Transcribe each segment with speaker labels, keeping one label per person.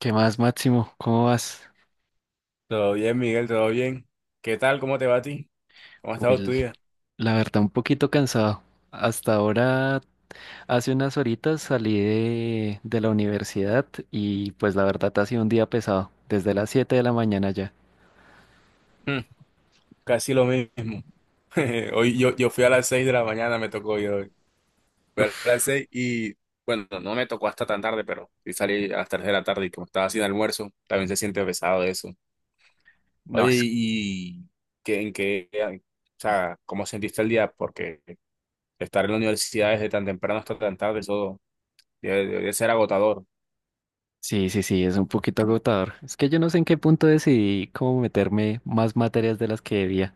Speaker 1: ¿Qué más, Máximo? ¿Cómo vas?
Speaker 2: Todo bien, Miguel, todo bien. ¿Qué tal? ¿Cómo te va a ti? ¿Cómo ha
Speaker 1: Uy,
Speaker 2: estado tu día?
Speaker 1: la verdad, un poquito cansado. Hasta ahora, hace unas horitas salí de la universidad y pues la verdad ha sido un día pesado, desde las 7 de la mañana ya.
Speaker 2: Mm, Casi lo mismo. Hoy yo fui a las 6 de la mañana, me tocó yo hoy. Fui a las
Speaker 1: Uf,
Speaker 2: 6 y, bueno, no me tocó hasta tan tarde, pero sí salí a las 3 de la tarde y como estaba sin almuerzo, también se siente pesado eso.
Speaker 1: no,
Speaker 2: Oye, ¿y en qué, o sea, cómo sentiste el día? Porque estar en la universidad desde tan temprano hasta tan tarde, eso debe ser agotador.
Speaker 1: sí, sí, sí, es un poquito agotador. Es que yo no sé en qué punto decidí cómo meterme más materias de las que debía.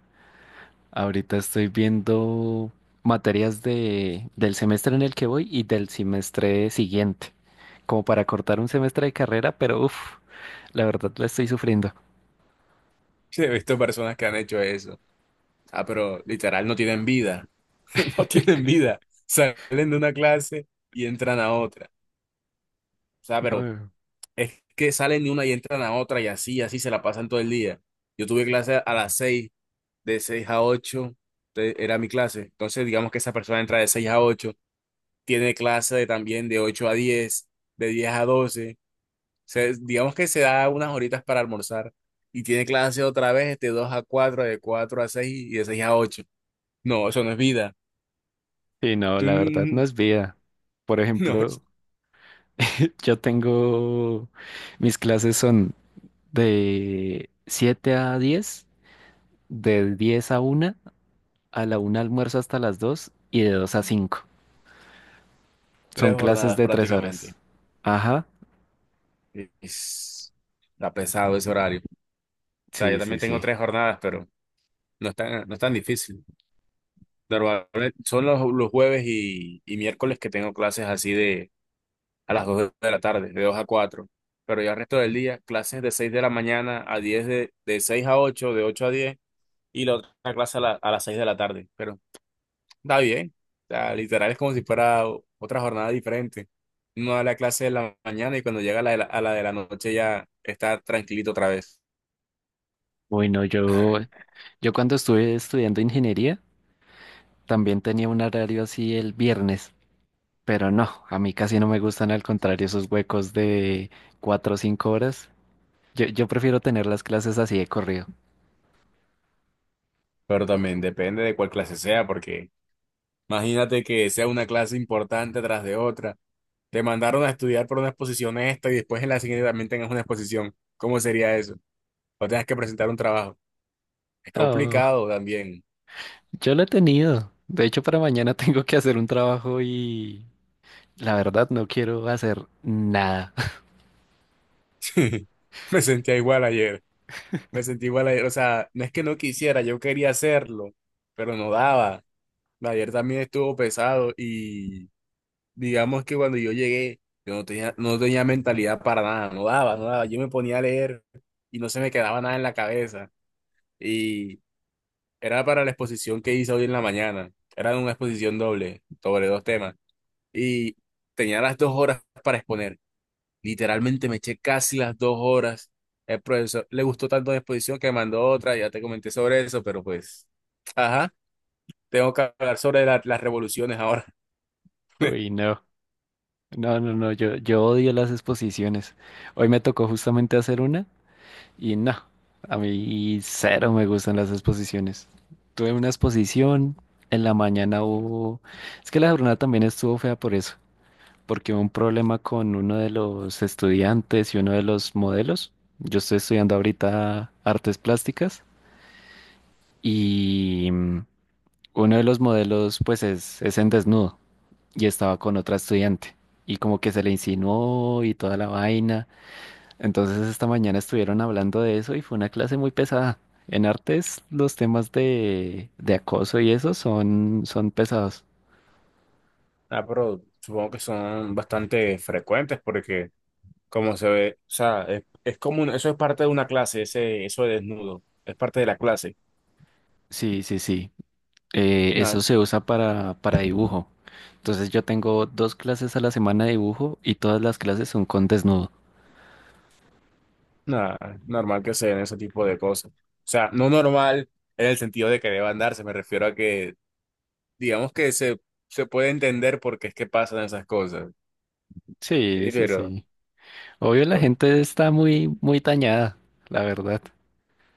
Speaker 1: Ahorita estoy viendo materias del semestre en el que voy y del semestre siguiente, como para cortar un semestre de carrera, pero uff, la verdad la estoy sufriendo.
Speaker 2: He visto personas que han hecho eso. Ah, pero literal no tienen vida. No tienen vida. Salen de una clase y entran a otra. O sea, pero
Speaker 1: No,
Speaker 2: es que salen de una y entran a otra y así, así se la pasan todo el día. Yo tuve clase a las 6, de 6 a 8 era mi clase. Entonces, digamos que esa persona entra de 6 a 8, tiene clase también de 8 a 10, de 10 a 12. Digamos que se da unas horitas para almorzar y tiene clase otra vez de 2 a 4, de 4 a 6 y de 6 a 8. No, eso no es vida.
Speaker 1: sí, no, la verdad no
Speaker 2: Mm,
Speaker 1: es vida. Por
Speaker 2: No,
Speaker 1: ejemplo, yo tengo, mis clases son de 7 a 10, de 10 a 1, a la 1 almuerzo hasta las 2 y de 2 a 5.
Speaker 2: tres
Speaker 1: Son clases
Speaker 2: jornadas
Speaker 1: de 3
Speaker 2: prácticamente.
Speaker 1: horas. Ajá,
Speaker 2: Es- Está pesado ese horario. O sea, yo
Speaker 1: sí, sí,
Speaker 2: también tengo
Speaker 1: sí.
Speaker 2: tres jornadas, pero no es tan difícil. Normalmente son los jueves y miércoles que tengo clases así de a las 2 de la tarde, de 2 a 4. Pero ya el resto del día, clases de 6 de la mañana a 10 de 6 a 8 de 8 a 10 y la otra clase a las 6 de la tarde. Pero está bien. O sea, literal es como si fuera otra jornada diferente. Uno da la clase de la mañana y cuando llega a la de la noche ya está tranquilito otra vez.
Speaker 1: Bueno, yo cuando estuve estudiando ingeniería también tenía un horario así el viernes, pero no, a mí casi no me gustan, al contrario, esos huecos de 4 o 5 horas. Yo prefiero tener las clases así de corrido.
Speaker 2: Pero también depende de cuál clase sea, porque imagínate que sea una clase importante tras de otra. Te mandaron a estudiar por una exposición esta y después en la siguiente también tengas una exposición. ¿Cómo sería eso? O tengas que presentar un trabajo. Es
Speaker 1: Oh,
Speaker 2: complicado también.
Speaker 1: yo lo he tenido. De hecho, para mañana tengo que hacer un trabajo y la verdad no quiero hacer nada.
Speaker 2: Me sentía igual ayer. Me sentí igual ayer. O sea, no es que no quisiera, yo quería hacerlo, pero no daba. Ayer también estuvo pesado y digamos que cuando yo llegué, yo no tenía mentalidad para nada, no daba, no daba. Yo me ponía a leer y no se me quedaba nada en la cabeza. Y era para la exposición que hice hoy en la mañana. Era una exposición doble sobre 2 temas. Y tenía las 2 horas para exponer. Literalmente me eché casi las 2 horas. El profesor le gustó tanto la exposición que mandó otra, ya te comenté sobre eso, pero pues, ajá, tengo que hablar sobre las revoluciones ahora.
Speaker 1: Uy, no. No, no, no, yo odio las exposiciones. Hoy me tocó justamente hacer una. Y no, a mí cero me gustan las exposiciones. Tuve una exposición, en la mañana hubo. Es que la jornada también estuvo fea por eso, porque hubo un problema con uno de los estudiantes y uno de los modelos. Yo estoy estudiando ahorita artes plásticas y uno de los modelos pues es en desnudo y estaba con otra estudiante y como que se le insinuó y toda la vaina. Entonces esta mañana estuvieron hablando de eso y fue una clase muy pesada. En artes los temas de acoso y eso son pesados.
Speaker 2: Ah, pero supongo que son bastante frecuentes porque como se ve, o sea, es como eso es parte de una clase, ese, eso de desnudo, es parte de la clase.
Speaker 1: Sí, sí, sí. Eso
Speaker 2: Nada,
Speaker 1: se usa para dibujo. Entonces yo tengo dos clases a la semana de dibujo y todas las clases son con desnudo.
Speaker 2: nada, normal que se den ese tipo de cosas. O sea, no normal en el sentido de que deban darse, me refiero a que, digamos se puede entender por qué es que pasan esas cosas.
Speaker 1: Sí, sí,
Speaker 2: Pero,
Speaker 1: sí. Obvio la
Speaker 2: bueno,
Speaker 1: gente está muy, muy dañada, la verdad.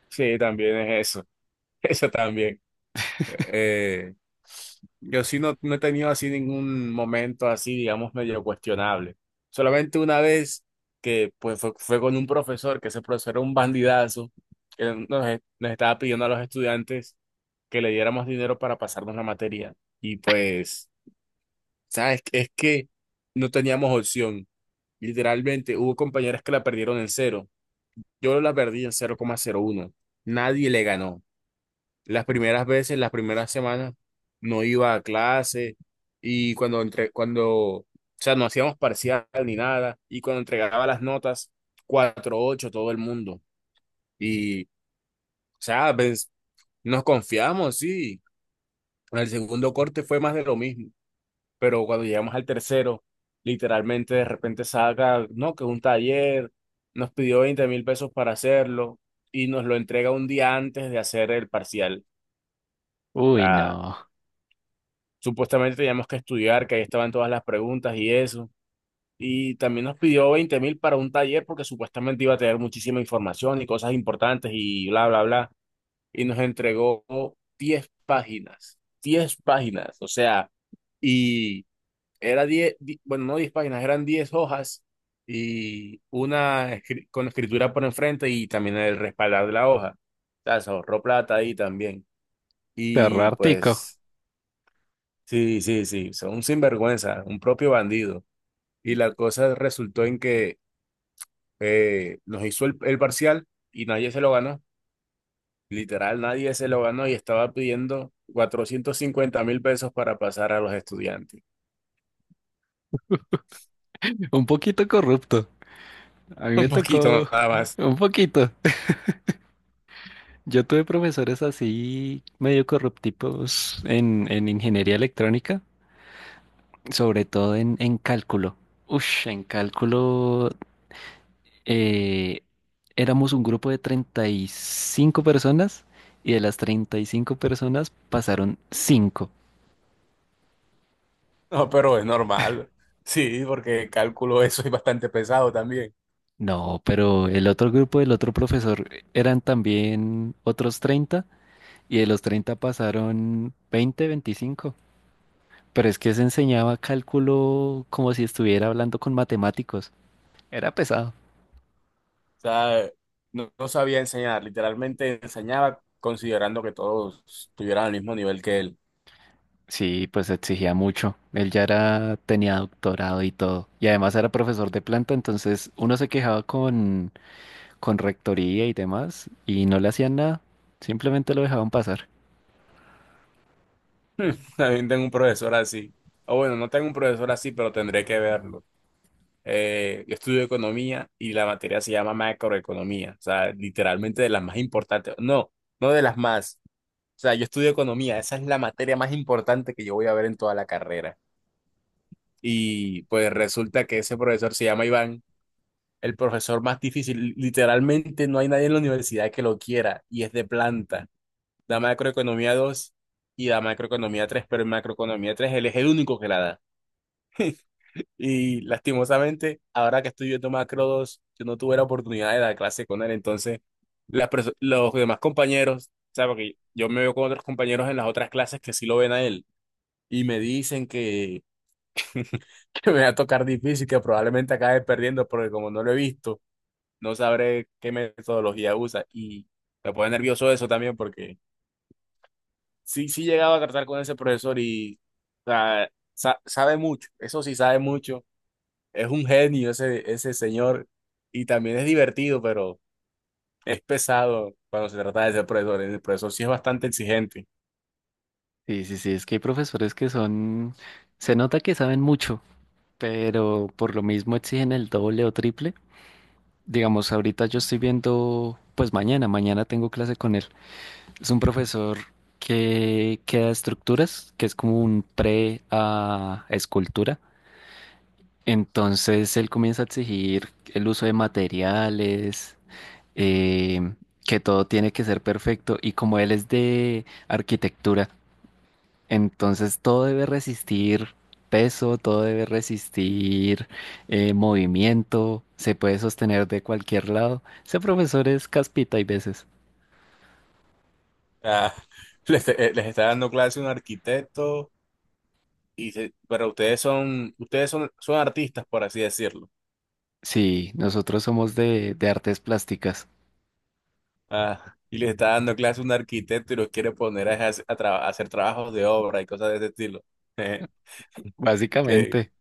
Speaker 2: sí, también es eso, eso también. Eh, yo sí no he tenido así ningún momento así, digamos, medio cuestionable. Solamente una vez que pues fue con un profesor, que ese profesor era un bandidazo, que nos estaba pidiendo a los estudiantes que le diéramos dinero para pasarnos la materia. Y pues, ¿sabes? Es que no teníamos opción. Literalmente, hubo compañeras que la perdieron en cero. Yo la perdí en cero 0,01. Nadie le ganó. Las primeras veces, las primeras semanas, no iba a clase y cuando cuando, o sea, no hacíamos parcial ni nada y cuando entregaba las notas, cuatro ocho todo el mundo. Y, o sea, pues, nos confiamos, sí. El segundo corte fue más de lo mismo, pero cuando llegamos al tercero, literalmente de repente saca, no, que un taller, nos pidió 20.000 pesos para hacerlo y nos lo entrega un día antes de hacer el parcial.
Speaker 1: Uy, no.
Speaker 2: Supuestamente teníamos que estudiar, que ahí estaban todas las preguntas y eso. Y también nos pidió 20.000 para un taller porque supuestamente iba a tener muchísima información y cosas importantes y bla, bla, bla. Y nos entregó 10 páginas, 10 páginas, o sea, y era 10, bueno, no 10 páginas, eran 10 hojas y con escritura por enfrente y también el respaldar de la hoja. O sea, se ahorró plata ahí también. Y
Speaker 1: Terror tico.
Speaker 2: pues... Sí, sí, sí, son un sinvergüenza, un propio bandido. Y la cosa resultó en que nos hizo el parcial y nadie se lo ganó. Literal, nadie se lo ganó y estaba pidiendo 450.000 pesos para pasar a los estudiantes.
Speaker 1: Un poquito corrupto. A mí me
Speaker 2: Un poquito
Speaker 1: tocó
Speaker 2: nada más.
Speaker 1: un poquito. Yo tuve profesores así medio corruptivos en ingeniería electrónica, sobre todo en cálculo. Ush, en cálculo eh, éramos un grupo de 35 personas y de las 35 personas pasaron 5.
Speaker 2: No, pero es normal. Sí, porque cálculo eso es bastante pesado también.
Speaker 1: No, pero el otro grupo del otro profesor eran también otros 30 y de los 30 pasaron 20, 25. Pero es que se enseñaba cálculo como si estuviera hablando con matemáticos. Era pesado.
Speaker 2: O sea, no sabía enseñar, literalmente enseñaba considerando que todos tuvieran el mismo nivel que él.
Speaker 1: Sí, pues exigía mucho. Él tenía doctorado y todo. Y además era profesor de planta, entonces uno se quejaba con rectoría y demás, y no le hacían nada. Simplemente lo dejaban pasar.
Speaker 2: También tengo un profesor así. O bueno, no tengo un profesor así, pero tendré que verlo. Yo estudio economía y la materia se llama macroeconomía. O sea, literalmente de las más importantes. No, no de las más. O sea, yo estudio economía. Esa es la materia más importante que yo voy a ver en toda la carrera. Y pues resulta que ese profesor se llama Iván, el profesor más difícil. Literalmente no hay nadie en la universidad que lo quiera y es de planta. Da macroeconomía 2 y da macroeconomía 3, pero en macroeconomía 3 él es el único que la da. Y lastimosamente, ahora que estoy viendo Macro 2, yo no tuve la oportunidad de dar clase con él. Entonces, los demás compañeros, o sea, porque yo me veo con otros compañeros en las otras clases que sí lo ven a él y me dicen que, que me va a tocar difícil, que probablemente acabe perdiendo, porque como no lo he visto, no sabré qué metodología usa. Y me pone nervioso eso también, porque sí, sí llegaba a tratar con ese profesor y o sea, sabe mucho, eso sí sabe mucho. Es un genio ese señor y también es divertido, pero es pesado cuando se trata de ser profesor. El profesor sí es bastante exigente.
Speaker 1: Sí, sí, sí, es que hay profesores se nota que saben mucho, pero por lo mismo exigen el doble o triple. Digamos, ahorita yo estoy viendo, pues mañana tengo clase con él. Es un profesor que da estructuras, que es como un pre a escultura. Entonces él comienza a exigir el uso de materiales, eh, que todo tiene que ser perfecto. Y como él es de arquitectura, entonces todo debe resistir peso, todo debe resistir movimiento, se puede sostener de cualquier lado. Ese profesor es caspita hay veces.
Speaker 2: Ah, les está dando clase un arquitecto, pero ustedes son, son artistas, por así decirlo.
Speaker 1: Sí, nosotros somos de artes plásticas.
Speaker 2: Ah, y les está dando clase un arquitecto y los quiere poner a hacer trabajos de obra y cosas de ese estilo. Eh, que,
Speaker 1: Básicamente,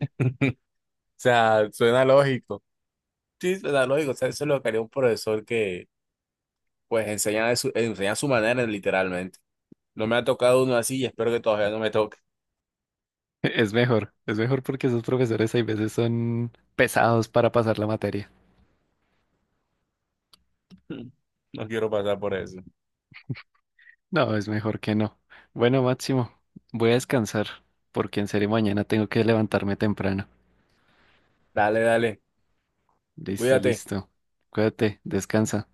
Speaker 2: o sea, suena lógico. Sí, suena lógico. O sea, eso es lo que haría un profesor que pues enseñan de enseñan a su manera, literalmente. No me ha tocado uno así y espero que todavía no me toque.
Speaker 1: es mejor porque esos profesores hay veces son pesados para pasar la materia.
Speaker 2: No quiero pasar por eso.
Speaker 1: No, es mejor que no. Bueno, Máximo, voy a descansar porque en serio mañana tengo que levantarme temprano.
Speaker 2: Dale, dale.
Speaker 1: Listo,
Speaker 2: Cuídate.
Speaker 1: listo. Cuídate, descansa.